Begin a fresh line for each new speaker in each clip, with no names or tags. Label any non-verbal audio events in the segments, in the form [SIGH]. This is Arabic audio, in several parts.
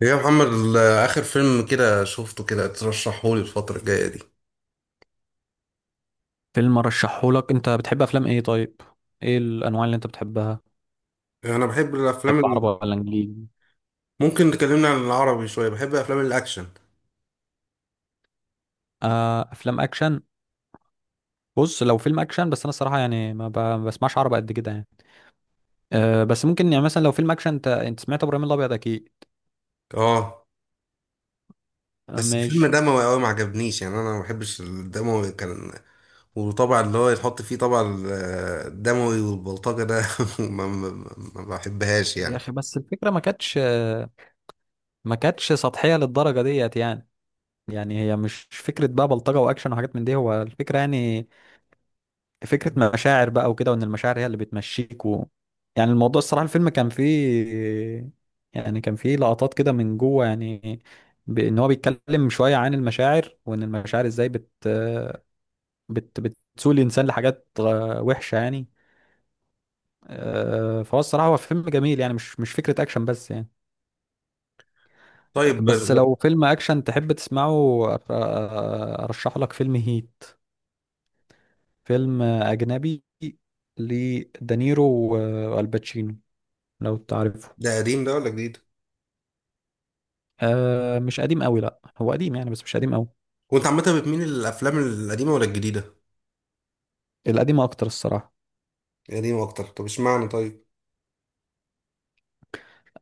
يا محمد آخر فيلم كده شفته كده ترشحهولي الفترة الجاية دي.
فيلم ارشحهولك، انت بتحب افلام ايه؟ طيب ايه الانواع اللي انت بتحبها؟
أنا بحب الأفلام
بتحب عربي ولا انجليزي؟
ممكن تكلمنا عن العربي شوية. بحب أفلام الأكشن.
آه، افلام اكشن. بص، لو فيلم اكشن بس انا الصراحه يعني ما بسمعش عربي قد كده يعني. آه بس ممكن يعني مثلا لو فيلم اكشن انت سمعت ابراهيم الابيض اكيد.
أه، بس الفيلم
ماشي.
دموي أوي ما عجبنيش. يعني أنا ما بحبش الدموي كان. وطبعا اللي هو يتحط فيه طبعا الدموي والبلطجة ده [LAUGHS] ما, ما, ما بحبهاش
يا
يعني.
اخي بس الفكره ما كانتش سطحيه للدرجه ديت يعني. يعني هي مش فكره بقى بلطجه واكشن وحاجات من دي، هو الفكره يعني. فكرة مشاعر بقى وكده، وان المشاعر هي اللي بتمشيك يعني الموضوع الصراحة الفيلم كان فيه، يعني كان فيه لقطات كده من جوه يعني. بان هو بيتكلم شوية عن المشاعر، وان المشاعر ازاي بت بت بتسوق الانسان لحاجات وحشة يعني. فهو الصراحة هو فيلم جميل يعني، مش فكرة اكشن بس يعني.
طيب،
بس لو فيلم اكشن تحب تسمعه ارشح لك فيلم هيت. فيلم اجنبي، لدانيرو والباتشينو، لو تعرفه.
ده قديم ده ولا جديد؟
آه مش قديم قوي، لا هو قديم يعني بس مش قديم قوي.
وأنت عامة بتميل للأفلام القديمة ولا الجديدة؟
القديم اكتر الصراحه.
القديمة أكتر. طب اشمعنى طيب؟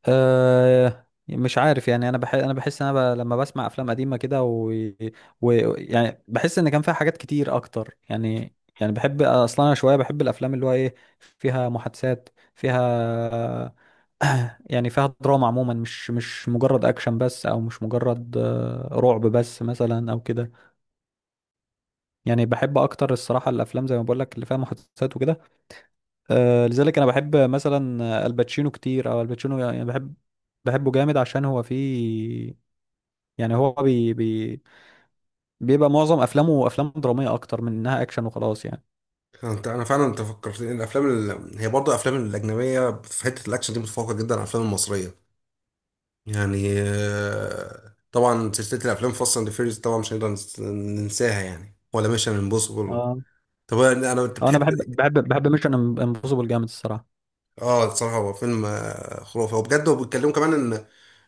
آه مش عارف يعني، انا بحس لما بسمع افلام قديمه كده و... و يعني بحس ان كان فيها حاجات كتير اكتر يعني. يعني بحب اصلا انا شويه بحب الافلام اللي هو ايه، فيها محادثات، فيها [CLEARS THROAT] يعني فيها دراما عموما، مش مجرد اكشن بس، او مش مجرد رعب بس مثلا او كده. يعني بحب اكتر الصراحه الافلام زي ما بقول لك اللي فيها محادثات وكده. لذلك انا بحب مثلا الباتشينو كتير، او الباتشينو يعني بحب، بحبه جامد عشان هو فيه، يعني هو بي بي بيبقى معظم افلامه افلام دراميه اكتر من انها اكشن وخلاص يعني.
انا فعلا، انت فكرتني الافلام هي برضه الافلام الاجنبيه في حته الاكشن دي متفوقه جدا على الافلام المصريه. يعني طبعا سلسله الافلام فاست اند فيريز طبعا مش هنقدر ننساها يعني، ولا ميشن امبوسيبل.
اه
طب انت
اه، انا
بتحب إيه؟
بحب ميشن امبوسيبل جامد الصراحه.
اه، الصراحه هو فيلم خرافي وبجد، وبيتكلموا كمان ان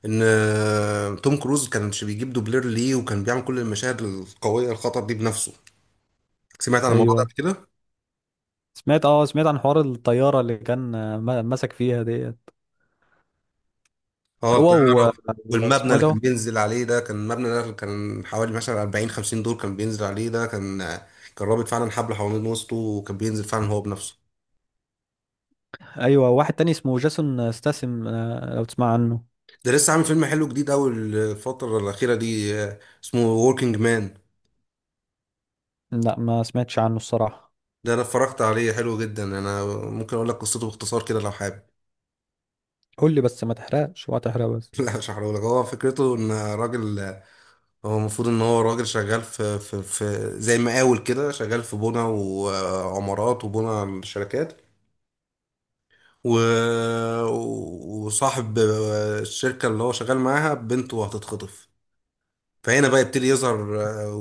ان توم كروز كانش بيجيب دوبلير ليه، وكان بيعمل كل المشاهد القويه الخطر دي بنفسه. سمعت عن الموضوع ده
ايوه
قبل كده.
سمعت، اه سمعت عن حوار الطياره اللي كان، مسك فيها ديت
اه،
هو و...
الطياره. والمبنى
واسمه ايه
اللي كان
ده.
بينزل عليه ده، كان مبنى ده كان حوالي مثلا 40 50 دور، كان بينزل عليه ده كان. كان رابط فعلا حبل حوالين وسطه، وكان بينزل فعلا هو بنفسه.
ايوه واحد تاني اسمه جاسون ستاسم، لو تسمع عنه.
ده لسه عامل فيلم حلو جديد قوي الفتره الاخيره دي، اسمه وركينج مان.
لا ما سمعتش عنه الصراحه.
ده انا اتفرجت عليه حلو جدا. انا ممكن اقول لك قصته باختصار كده لو حابب.
قول لي بس ما تحرقش ولا تحرق بس.
[LAUGHS] لا مش هحرقهولك. هو فكرته ان راجل، هو المفروض ان هو راجل شغال في زي مقاول كده، شغال في بنى وعمارات وبنى شركات و... وصاحب الشركة اللي هو شغال معاها بنته هتتخطف. فهنا بقى يبتدي يظهر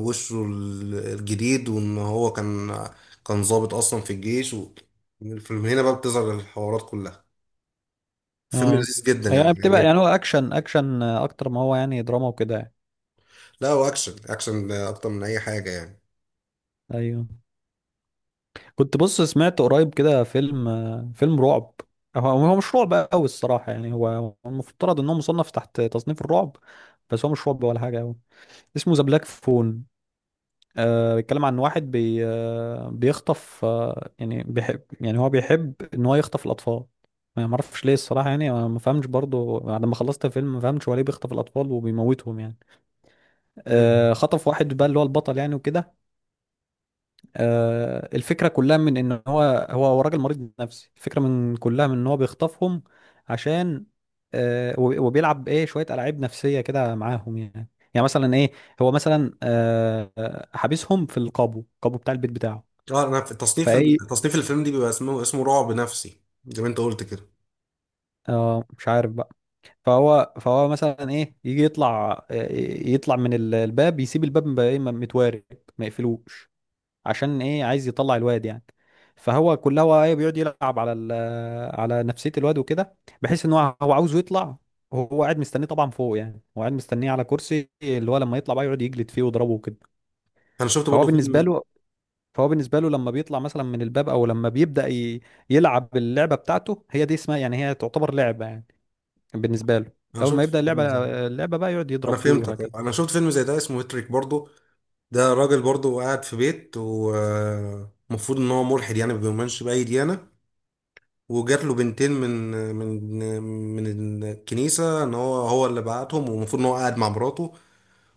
وشه الجديد، وان هو كان ضابط اصلا في الجيش. من هنا بقى بتظهر الحوارات كلها. فيلم
اه
لذيذ جدا يعني
يعني بتبقى،
عجبني.
يعني هو اكشن اكشن اكتر ما هو يعني دراما وكده يعني.
لا، هو اكشن اكشن اكتر من اي حاجة يعني.
ايوه كنت بص سمعت قريب كده فيلم، فيلم رعب. هو هو مش رعب قوي الصراحه يعني، هو المفترض ان هو مصنف تحت تصنيف الرعب، بس هو مش رعب ولا حاجه قوي. اسمه ذا بلاك فون. آه بيتكلم عن واحد بي بيخطف، آه يعني بيحب، يعني هو بيحب ان هو يخطف الاطفال. ما اعرفش ليه الصراحه يعني، أنا ما فهمش برضو بعد ما خلصت الفيلم ما فهمتش هو ليه بيخطف الاطفال وبيموتهم يعني.
مم.
خطف واحد بقى اللي هو البطل يعني وكده. الفكرة كلها من ان هو راجل مريض نفسي، الفكرة من كلها من ان هو بيخطفهم عشان، وبيلعب ايه شوية ألعاب نفسية كده معاهم يعني. يعني مثلا ايه، هو مثلا حابسهم في القابو بتاع البيت بتاعه.
اه، انا في تصنيف
فايه
تصنيف الفيلم دي بيبقى اسمه رعب نفسي زي ما انت قلت كده.
اه مش عارف بقى. فهو مثلا ايه يجي يطلع، يطلع من الباب، يسيب الباب بقى متوارب، ما يقفلوش، عشان ايه عايز يطلع الواد يعني. فهو كلها هو ايه بيقعد يلعب على على نفسية الواد وكده، بحيث ان هو عاوزه يطلع. هو قاعد مستنيه طبعا فوق يعني، هو قاعد مستنيه على كرسي، اللي هو لما يطلع بقى يقعد يجلد فيه ويضربه وكده.
انا شفت
فهو
برضو
بالنسبة
فيلم.
له، فهو بالنسبة له لما بيطلع مثلا من الباب، او لما بيبدأ يلعب اللعبة بتاعته، هي دي اسمها يعني، هي تعتبر لعبة يعني بالنسبة له.
انا
اول
شفت
ما يبدأ اللعبة،
فيلم زي ده.
اللعبة بقى يقعد
انا
يضرب فيه
فهمتك.
وهكذا.
انا شفت فيلم زي ده اسمه هيتريك برضو. ده راجل برضه قاعد في بيت، ومفروض ان هو ملحد يعني، ما بيؤمنش باي ديانه. وجات له بنتين من من الكنيسه، ان هو اللي بعتهم، ومفروض ان هو قاعد مع مراته.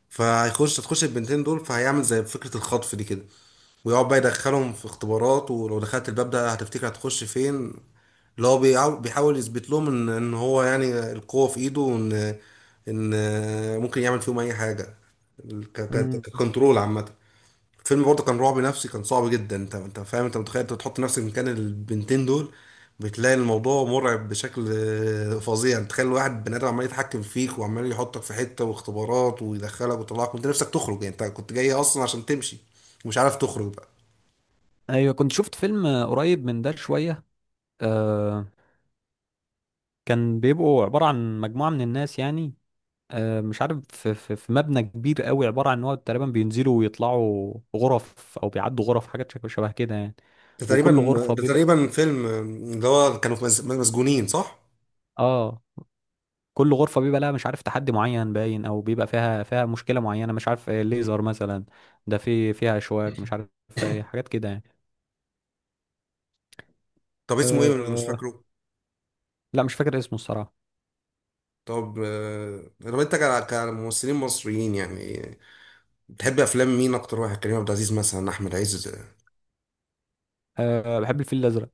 تخش البنتين دول، فهيعمل زي فكره الخطف دي كده. ويقعد بقى يدخلهم في اختبارات، ولو دخلت الباب ده هتفتكر هتخش فين. اللي هو بيحاول يثبت لهم ان هو يعني القوه في ايده، وان ان ممكن يعمل فيهم اي حاجه.
مم.
ككنترول عامه. الفيلم برضه كان رعب نفسي، كان صعب جدا. انت فاهم، انت متخيل، انت بتحط نفسك مكان البنتين دول. بتلاقي الموضوع مرعب بشكل فظيع. انت تخيل واحد بني ادم عمال يتحكم فيك، وعمال يحطك في حته واختبارات، ويدخلك ويطلعك وانت نفسك تخرج يعني، انت كنت جاي اصلا عشان تمشي. ومش عارف تخرج بقى.
ايوه كنت شفت فيلم قريب من ده شوية، كان بيبقوا عبارة عن مجموعة من الناس يعني، مش عارف في مبنى كبير قوي عبارة عن ان هو تقريبا بينزلوا ويطلعوا غرف او بيعدوا غرف، حاجات شبه كده يعني.
ده تقريبا
وكل غرفة
ده
بيبقى،
تقريبا فيلم، اللي هو كانوا في مسجونين صح؟
اه كل غرفة بيبقى لها مش عارف تحدي معين باين، او بيبقى فيها مشكلة معينة، مش عارف ليزر مثلا، ده في فيها اشواك، مش عارف، حاجات كده يعني.
طب اسمه ايه؟ مش
أه
فاكره.
لا مش فاكر اسمه الصراحة.
طب، لو انت كممثلين مصريين يعني، بتحب افلام مين اكتر واحد؟ كريم عبد العزيز مثلا، احمد عز.
أه بحب الفيل الازرق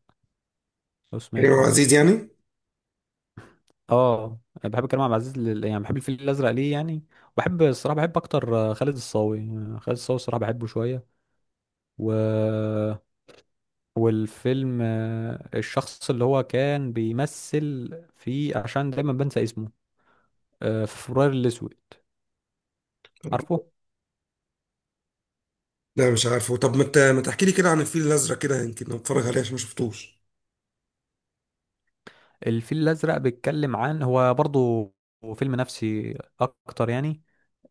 لو
كريم عبد
سمعته يعني.
العزيز يعني.
اه انا بحب كريم عبد العزيز لل... يعني بحب الفيل الازرق ليه يعني. بحب الصراحه بحب اكتر خالد الصاوي، خالد الصاوي الصراحه بحبه شويه. و والفيلم، الشخص اللي هو كان بيمثل فيه، عشان دايما بنسى اسمه، في فبراير الاسود، عارفه.
لا مش عارفه. طب ما تحكي لي كده عن الفيل الازرق، كده يمكن اتفرج عليه عشان ما شفتوش.
الفيل الأزرق بيتكلم عن، هو برضو فيلم نفسي أكتر يعني.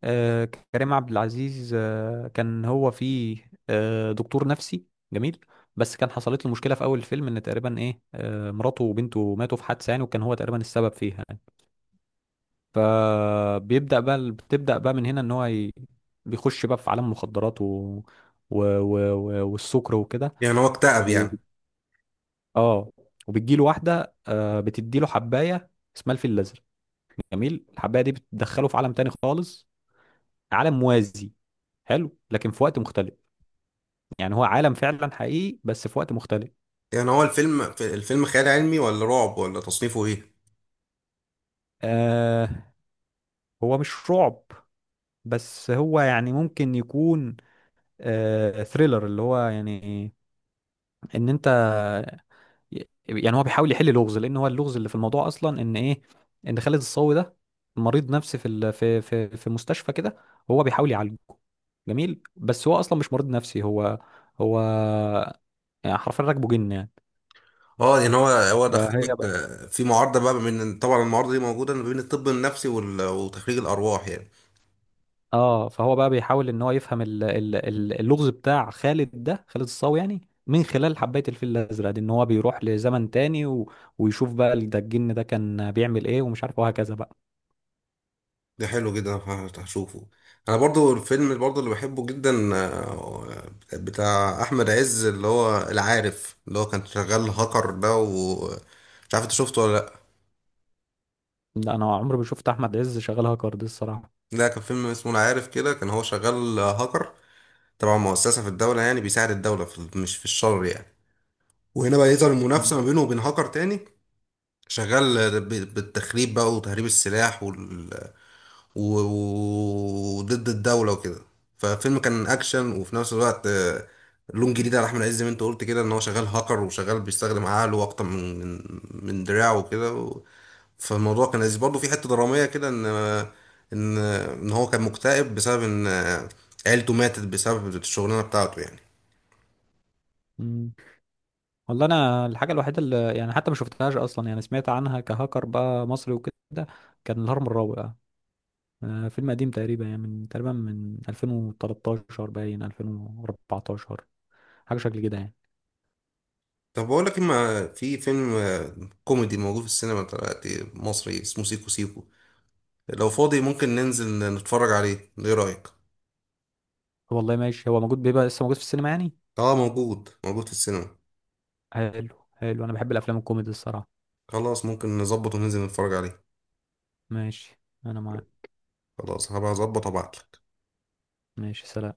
آه، كريم عبد العزيز كان هو فيه دكتور نفسي جميل، بس كان حصلت له مشكلة في أول الفيلم إن تقريبا إيه مراته وبنته ماتوا في حادثة يعني، وكان هو تقريبا السبب فيها يعني. فبيبدأ بقى بتبدأ بقى من هنا إن هو بيخش بقى في عالم مخدرات والسكر وكده
يعني هو اكتئب
و...
يعني.
اه. وبتجيله واحدة بتديله حباية اسمها الفيل الأزرق جميل. الحبايه دي بتدخله في عالم تاني خالص، عالم موازي حلو، لكن في وقت مختلف. يعني هو عالم فعلا حقيقي بس في وقت مختلف.
يعني هو الفيلم خيال علمي ولا رعب ولا تصنيفه ايه؟
آه، هو مش رعب، بس هو يعني ممكن يكون، آه ثريلر اللي هو يعني، ان انت، يعني هو بيحاول يحل لغز، لان هو اللغز اللي في الموضوع اصلا ان ايه، ان خالد الصاوي ده مريض نفسي في ال... في مستشفى كده، هو بيحاول يعالجه جميل، بس هو اصلا مش مريض نفسي، هو هو يعني حرفيا راكبه جن يعني.
اه، يعني هو
فهي
دخلك
بقى،
في معارضه بقى، من طبعا المعارضه دي موجوده ما بين الطب النفسي وتخريج الارواح يعني.
اه فهو بقى بيحاول ان هو يفهم ال... ال... اللغز بتاع خالد ده، خالد الصاوي يعني، من خلال حبايه الفيل الازرق دي، ان هو بيروح لزمن تاني ويشوف بقى ده الجن ده كان بيعمل ايه ومش عارف وهكذا بقى.
ده حلو جدا، هشوفه. انا برضو الفيلم برضو اللي بحبه جدا بتاع احمد عز اللي هو العارف، اللي هو كان شغال هاكر ده. ومش عارف انت شفته ولا لا؟
لا انا عمري ما شفت احمد عز شغال هاكر دي الصراحه.
ده كان فيلم اسمه انا عارف كده، كان هو شغال هاكر. تبع مؤسسة في الدولة يعني، بيساعد الدولة، في مش في الشر يعني. وهنا بقى يظهر
مم.
المنافسة ما بينه وبين هاكر تاني. شغال بالتخريب بقى وتهريب السلاح. و- وضد الدولة وكده. ففيلم كان أكشن وفي نفس الوقت، لون جديد على أحمد عز، زي ما أنت قلت كده، إن هو شغال هاكر وشغال بيستخدم عقله أكتر من دراعه وكده فالموضوع كان لذيذ برضه في حتة درامية كده، إن هو كان مكتئب بسبب إن عيلته ماتت بسبب الشغلانة بتاعته يعني.
مم. والله انا الحاجه الوحيده اللي يعني حتى ما شفتهاش اصلا يعني سمعت عنها كهاكر بقى مصري وكده، كان الهرم الرابع. فيلم قديم تقريبا يعني من تقريبا من 2013 باين 2014، حاجه شكل كده يعني.
طب بقول لك إما في فيلم كوميدي موجود في السينما دلوقتي، مصري، اسمه سيكو سيكو. لو فاضي ممكن ننزل نتفرج عليه، إيه رأيك؟
والله ماشي، هو موجود بيبقى لسه موجود في السينما يعني؟
اه، موجود موجود في السينما.
حلو حلو، انا بحب الافلام الكوميدي الصراحه.
خلاص، ممكن نظبط وننزل نتفرج عليه.
ماشي انا معاك.
خلاص، هبقى اظبط وابعتلك.
ماشي سلام.